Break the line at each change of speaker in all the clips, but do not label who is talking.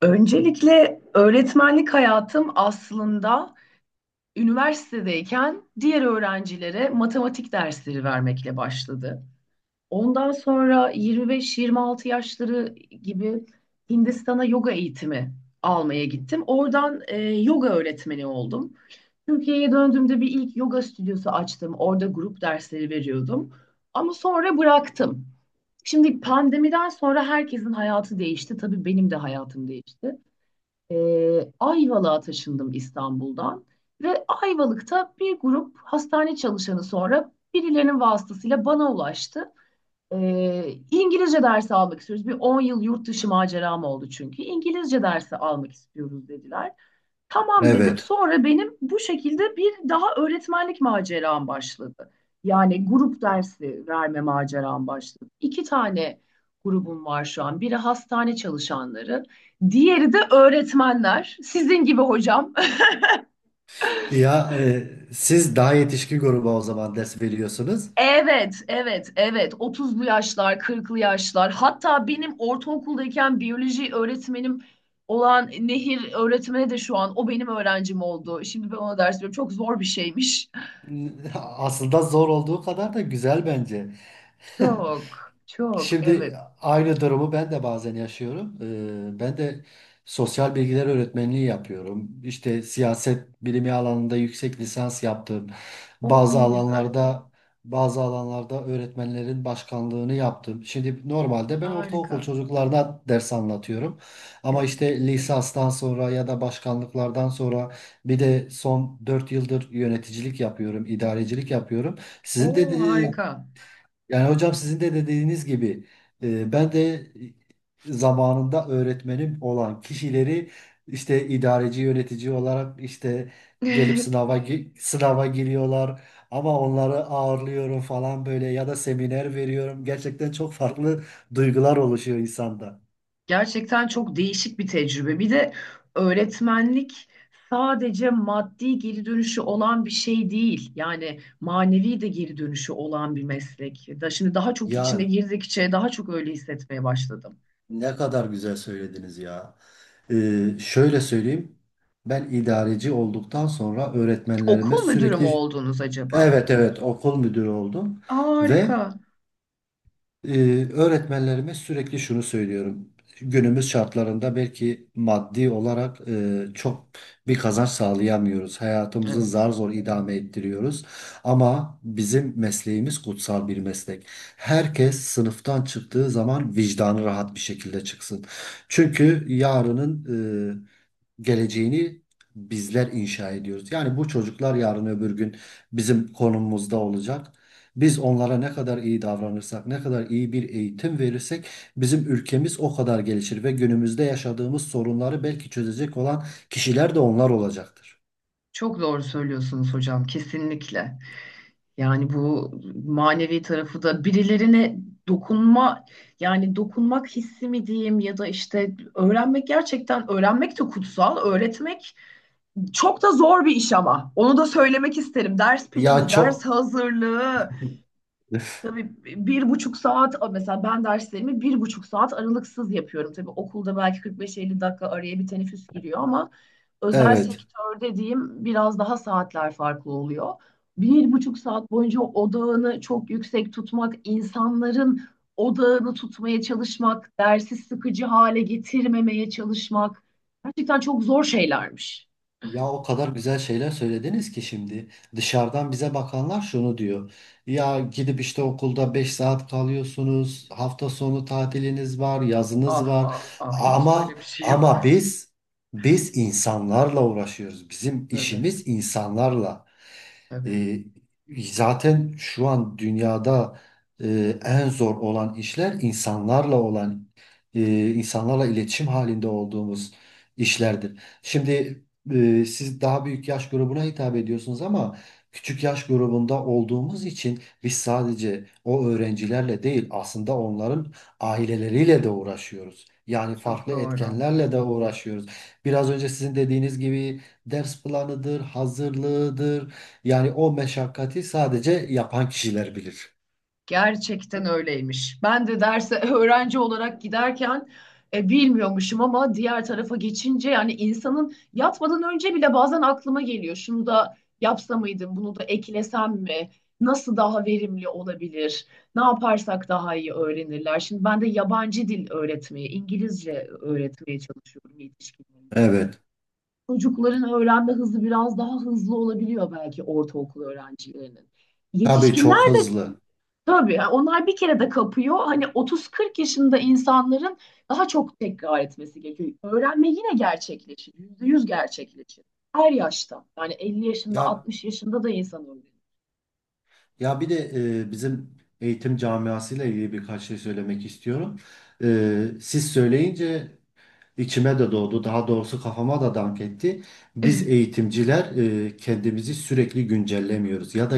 Öncelikle öğretmenlik hayatım aslında üniversitedeyken diğer öğrencilere matematik dersleri vermekle başladı. Ondan sonra 25-26 yaşları gibi Hindistan'a yoga eğitimi almaya gittim. Oradan yoga öğretmeni oldum. Türkiye'ye döndüğümde bir ilk yoga stüdyosu açtım. Orada grup dersleri veriyordum. Ama sonra bıraktım. Şimdi pandemiden sonra herkesin hayatı değişti. Tabii benim de hayatım değişti. Ayvalık'a taşındım İstanbul'dan ve Ayvalık'ta bir grup hastane çalışanı sonra birilerinin vasıtasıyla bana ulaştı. İngilizce dersi almak istiyoruz. Bir 10 yıl yurt dışı maceram oldu çünkü. İngilizce dersi almak istiyoruz dediler. Tamam dedim.
Evet.
Sonra benim bu şekilde bir daha öğretmenlik maceram başladı. Yani grup dersi verme maceram başladı. İki tane grubum var şu an. Biri hastane çalışanları, diğeri de öğretmenler. Sizin gibi hocam.
Ya siz daha yetişkin gruba o zaman ders veriyorsunuz.
Evet, evet, evet. 30'lu yaşlar, 40'lı yaşlar. Hatta benim ortaokuldayken biyoloji öğretmenim olan Nehir öğretmeni de şu an o benim öğrencim oldu. Şimdi ben ona ders veriyorum. Çok zor bir şeymiş.
Aslında zor olduğu kadar da güzel bence.
Çok, çok,
Şimdi
evet.
aynı durumu ben de bazen yaşıyorum. Ben de sosyal bilgiler öğretmenliği yapıyorum. İşte siyaset bilimi alanında yüksek lisans yaptım.
O
Bazı
ne güzel.
alanlarda bazı alanlarda öğretmenlerin başkanlığını yaptım. Şimdi normalde ben ortaokul
Harika.
çocuklarına ders anlatıyorum. Ama
Evet.
işte lisanstan sonra ya da başkanlıklardan sonra bir de son 4 yıldır yöneticilik yapıyorum, idarecilik yapıyorum. Sizin de
O harika.
yani hocam sizin de dediğiniz gibi ben de zamanında öğretmenim olan kişileri işte idareci yönetici olarak işte gelip sınava giriyorlar ama onları ağırlıyorum falan böyle ya da seminer veriyorum. Gerçekten çok farklı duygular oluşuyor insanda.
Gerçekten çok değişik bir tecrübe. Bir de öğretmenlik sadece maddi geri dönüşü olan bir şey değil. Yani manevi de geri dönüşü olan bir meslek. Da şimdi daha çok içine
Ya
girdikçe daha çok öyle hissetmeye başladım.
ne kadar güzel söylediniz ya. Şöyle söyleyeyim. Ben idareci olduktan sonra öğretmenlerime
Okul müdürü mü
sürekli
oldunuz acaba?
evet evet okul müdürü oldum ve
Harika.
e, öğretmenlerime sürekli şunu söylüyorum. Günümüz şartlarında belki maddi olarak çok bir kazanç sağlayamıyoruz. Hayatımızı
Evet.
zar zor idame ettiriyoruz. Ama bizim mesleğimiz kutsal bir meslek. Herkes sınıftan çıktığı zaman vicdanı rahat bir şekilde çıksın. Çünkü yarının e, geleceğini bizler inşa ediyoruz. Yani bu çocuklar yarın öbür gün bizim konumumuzda olacak. Biz onlara ne kadar iyi davranırsak, ne kadar iyi bir eğitim verirsek bizim ülkemiz o kadar gelişir ve günümüzde yaşadığımız sorunları belki çözecek olan kişiler de onlar olacaktır.
Çok doğru söylüyorsunuz hocam, kesinlikle. Yani bu manevi tarafı da birilerine dokunma, yani dokunmak hissi mi diyeyim ya da işte öğrenmek, gerçekten öğrenmek de kutsal, öğretmek çok da zor bir iş ama onu da söylemek isterim. Ders
Ya
planı,
çok.
ders hazırlığı. Tabii 1,5 saat mesela, ben derslerimi 1,5 saat aralıksız yapıyorum. Tabii okulda belki 45-50 dakika araya bir teneffüs giriyor ama özel
Evet.
sektörde diyeyim, biraz daha saatler farklı oluyor. 1,5 saat boyunca odağını çok yüksek tutmak, insanların odağını tutmaya çalışmak, dersi sıkıcı hale getirmemeye çalışmak gerçekten çok zor şeylermiş.
Ya o kadar güzel şeyler söylediniz ki şimdi dışarıdan bize bakanlar şunu diyor. Ya gidip işte okulda 5 saat kalıyorsunuz. Hafta sonu tatiliniz var, yazınız
Ah
var.
ah ah, hiç
Ama
öyle bir şey yok.
ama biz insanlarla uğraşıyoruz. Bizim
Tabii
işimiz insanlarla.
tabii.
Ee, Zaten şu an dünyada en zor olan işler insanlarla olan insanlarla iletişim halinde olduğumuz işlerdir. Şimdi siz daha büyük yaş grubuna hitap ediyorsunuz ama küçük yaş grubunda olduğumuz için biz sadece o öğrencilerle değil aslında onların aileleriyle de uğraşıyoruz. Yani
Çok
farklı
doğru.
etkenlerle de uğraşıyoruz. Biraz önce sizin dediğiniz gibi ders planıdır, hazırlığıdır. Yani o meşakkati sadece yapan kişiler bilir.
Gerçekten öyleymiş. Ben de derse öğrenci olarak giderken bilmiyormuşum ama diğer tarafa geçince, yani insanın yatmadan önce bile bazen aklıma geliyor. Şunu da yapsa mıydım, bunu da eklesem mi? Nasıl daha verimli olabilir? Ne yaparsak daha iyi öğrenirler? Şimdi ben de yabancı dil öğretmeye, İngilizce öğretmeye çalışıyorum yetişkinlere.
Evet.
Çocukların öğrenme hızı biraz daha hızlı olabiliyor belki, ortaokul öğrencilerinin.
Tabii
Yetişkinler
çok
de.
hızlı.
Tabii yani, onlar bir kere de kapıyor. Hani 30-40 yaşında insanların daha çok tekrar etmesi gerekiyor. Öğrenme yine gerçekleşir. %100 gerçekleşir. Her yaşta. Yani 50 yaşında,
Ya,
60 yaşında da insan öğreniyor.
ya bir de bizim eğitim camiasıyla ilgili birkaç şey söylemek istiyorum. Siz söyleyince içime de doğdu. Daha doğrusu kafama da dank etti. Biz eğitimciler kendimizi sürekli güncellemiyoruz ya da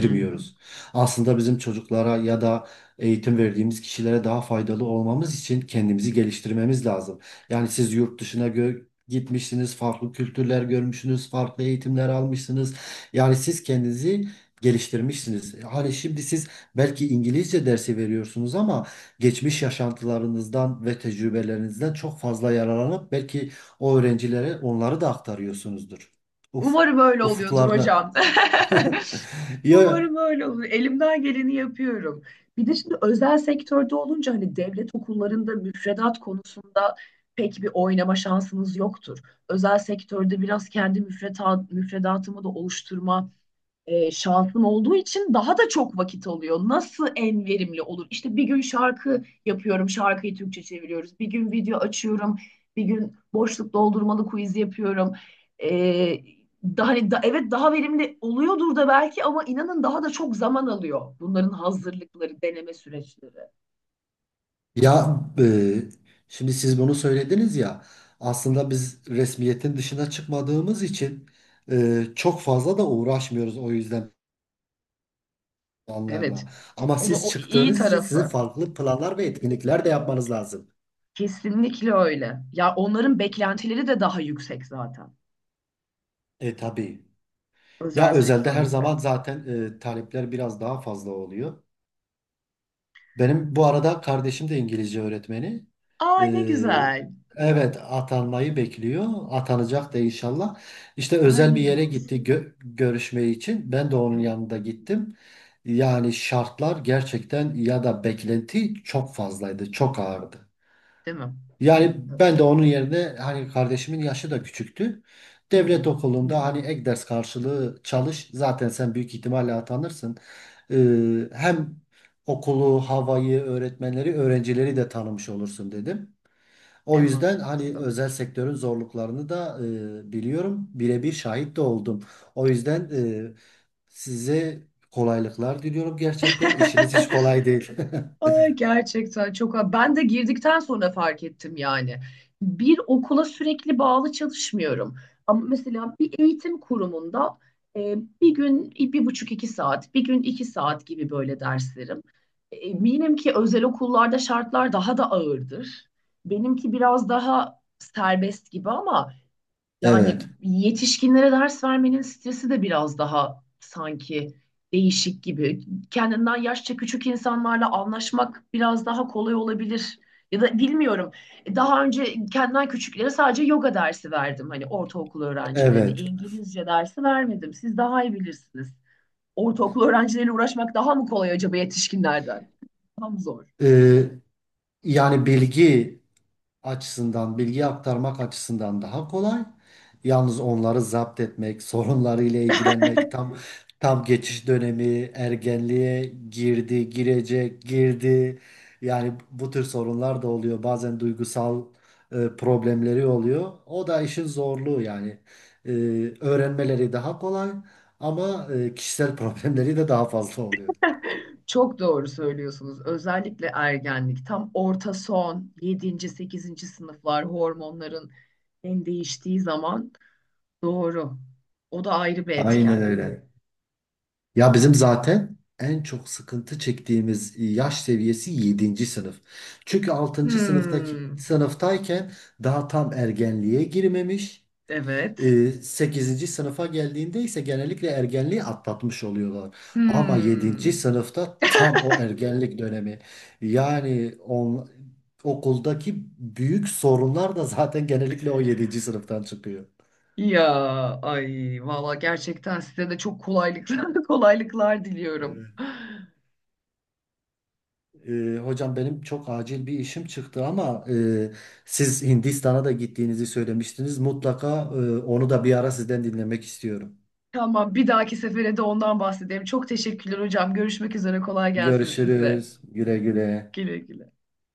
Hı hı.
Aslında bizim çocuklara ya da eğitim verdiğimiz kişilere daha faydalı olmamız için kendimizi geliştirmemiz lazım. Yani siz gitmişsiniz, farklı kültürler görmüşsünüz, farklı eğitimler almışsınız. Yani siz kendinizi geliştirmişsiniz. Hani şimdi siz belki İngilizce dersi veriyorsunuz ama geçmiş yaşantılarınızdan ve tecrübelerinizden çok fazla yararlanıp belki o öğrencilere onları da aktarıyorsunuzdur. Uf,
Umarım öyle oluyordur
ufuklarına.
hocam.
Ya,
Umarım öyle olur. Elimden geleni yapıyorum. Bir de şimdi özel sektörde olunca, hani devlet okullarında müfredat konusunda pek bir oynama şansınız yoktur. Özel sektörde biraz kendi müfredatımı da oluşturma şansım olduğu için daha da çok vakit alıyor. Nasıl en verimli olur? İşte bir gün şarkı yapıyorum, şarkıyı Türkçe çeviriyoruz. Bir gün video açıyorum, bir gün boşluk doldurmalı quiz yapıyorum. E, daha, hani da, evet daha verimli oluyordur da belki ama inanın daha da çok zaman alıyor. Bunların hazırlıkları, deneme süreçleri.
ya şimdi siz bunu söylediniz ya aslında biz resmiyetin dışına çıkmadığımız için çok fazla da uğraşmıyoruz o yüzden planlarla.
Evet.
Ama
O da
siz
o iyi
çıktığınız için sizin
tarafı.
farklı planlar ve etkinlikler de yapmanız lazım.
Kesinlikle öyle. Ya onların beklentileri de daha yüksek zaten.
E tabii. Ya
Özel
özelde her
sektörde.
zaman zaten talepler biraz daha fazla oluyor. Benim bu arada kardeşim de İngilizce öğretmeni.
Aa ne
Ee,
güzel.
evet, atanmayı bekliyor. Atanacak da inşallah. İşte özel bir
Hayırlı
yere gitti
olsun.
görüşme için. Ben de onun
Evet,
yanında gittim. Yani şartlar gerçekten, ya da beklenti çok fazlaydı, çok ağırdı.
değil mi?
Yani
Tabii.
ben de onun yerine hani kardeşimin yaşı da küçüktü.
Hı hı.
Devlet okulunda hani ek ders karşılığı çalış. Zaten sen büyük ihtimalle atanırsın. Hem okulu, havayı, öğretmenleri, öğrencileri de tanımış olursun dedim. O
En
yüzden hani
mantıklısı.
özel sektörün zorluklarını da biliyorum. Birebir şahit de oldum. O yüzden size kolaylıklar diliyorum gerçekten. İşiniz hiç kolay değil.
Ay, gerçekten çok, ben de girdikten sonra fark ettim yani. Bir okula sürekli bağlı çalışmıyorum. Ama mesela bir eğitim kurumunda bir gün 1,5 2 saat, bir gün 2 saat gibi böyle derslerim. Eminim ki özel okullarda şartlar daha da ağırdır. Benimki biraz daha serbest gibi ama. Yani
Evet.
yetişkinlere ders vermenin stresi de biraz daha sanki değişik gibi. Kendinden yaşça küçük insanlarla anlaşmak biraz daha kolay olabilir. Ya da bilmiyorum. Daha önce kendimden küçüklere sadece yoga dersi verdim. Hani ortaokul öğrencilerine
Evet.
İngilizce dersi vermedim. Siz daha iyi bilirsiniz. Ortaokul öğrencileriyle uğraşmak daha mı kolay acaba yetişkinlerden? Daha mı zor?
Ee, Yani bilgi açısından, bilgi aktarmak açısından daha kolay. Yalnız onları zapt etmek, sorunlarıyla ilgilenmek tam, tam geçiş dönemi, ergenliğe girdi, girecek, girdi. Yani bu tür sorunlar da oluyor. Bazen duygusal problemleri oluyor. O da işin zorluğu yani. E, Öğrenmeleri daha kolay ama kişisel problemleri de daha fazla oluyor.
Çok doğru söylüyorsunuz. Özellikle ergenlik, tam orta son, yedinci, sekizinci sınıflar, hormonların en değiştiği zaman. Doğru. O da ayrı bir
Aynen
etken.
öyle. Ya bizim zaten en çok sıkıntı çektiğimiz yaş seviyesi yedinci sınıf. Çünkü 6. sınıftaki
Hmm.
sınıftayken daha tam ergenliğe girmemiş.
Evet.
Sekizinci sınıfa geldiğinde ise genellikle ergenliği atlatmış oluyorlar. Ama yedinci
Hmm.
sınıfta tam o ergenlik dönemi. Yani on, okuldaki büyük sorunlar da zaten genellikle o yedinci sınıftan çıkıyor.
Ya, ay valla gerçekten size de çok kolaylıklar kolaylıklar diliyorum.
Hocam benim çok acil bir işim çıktı ama siz Hindistan'a da gittiğinizi söylemiştiniz. Mutlaka onu da bir ara sizden dinlemek istiyorum.
Tamam, bir dahaki sefere de ondan bahsedeyim. Çok teşekkürler hocam. Görüşmek üzere, kolay gelsin size.
Görüşürüz. Güle güle.
Güle güle.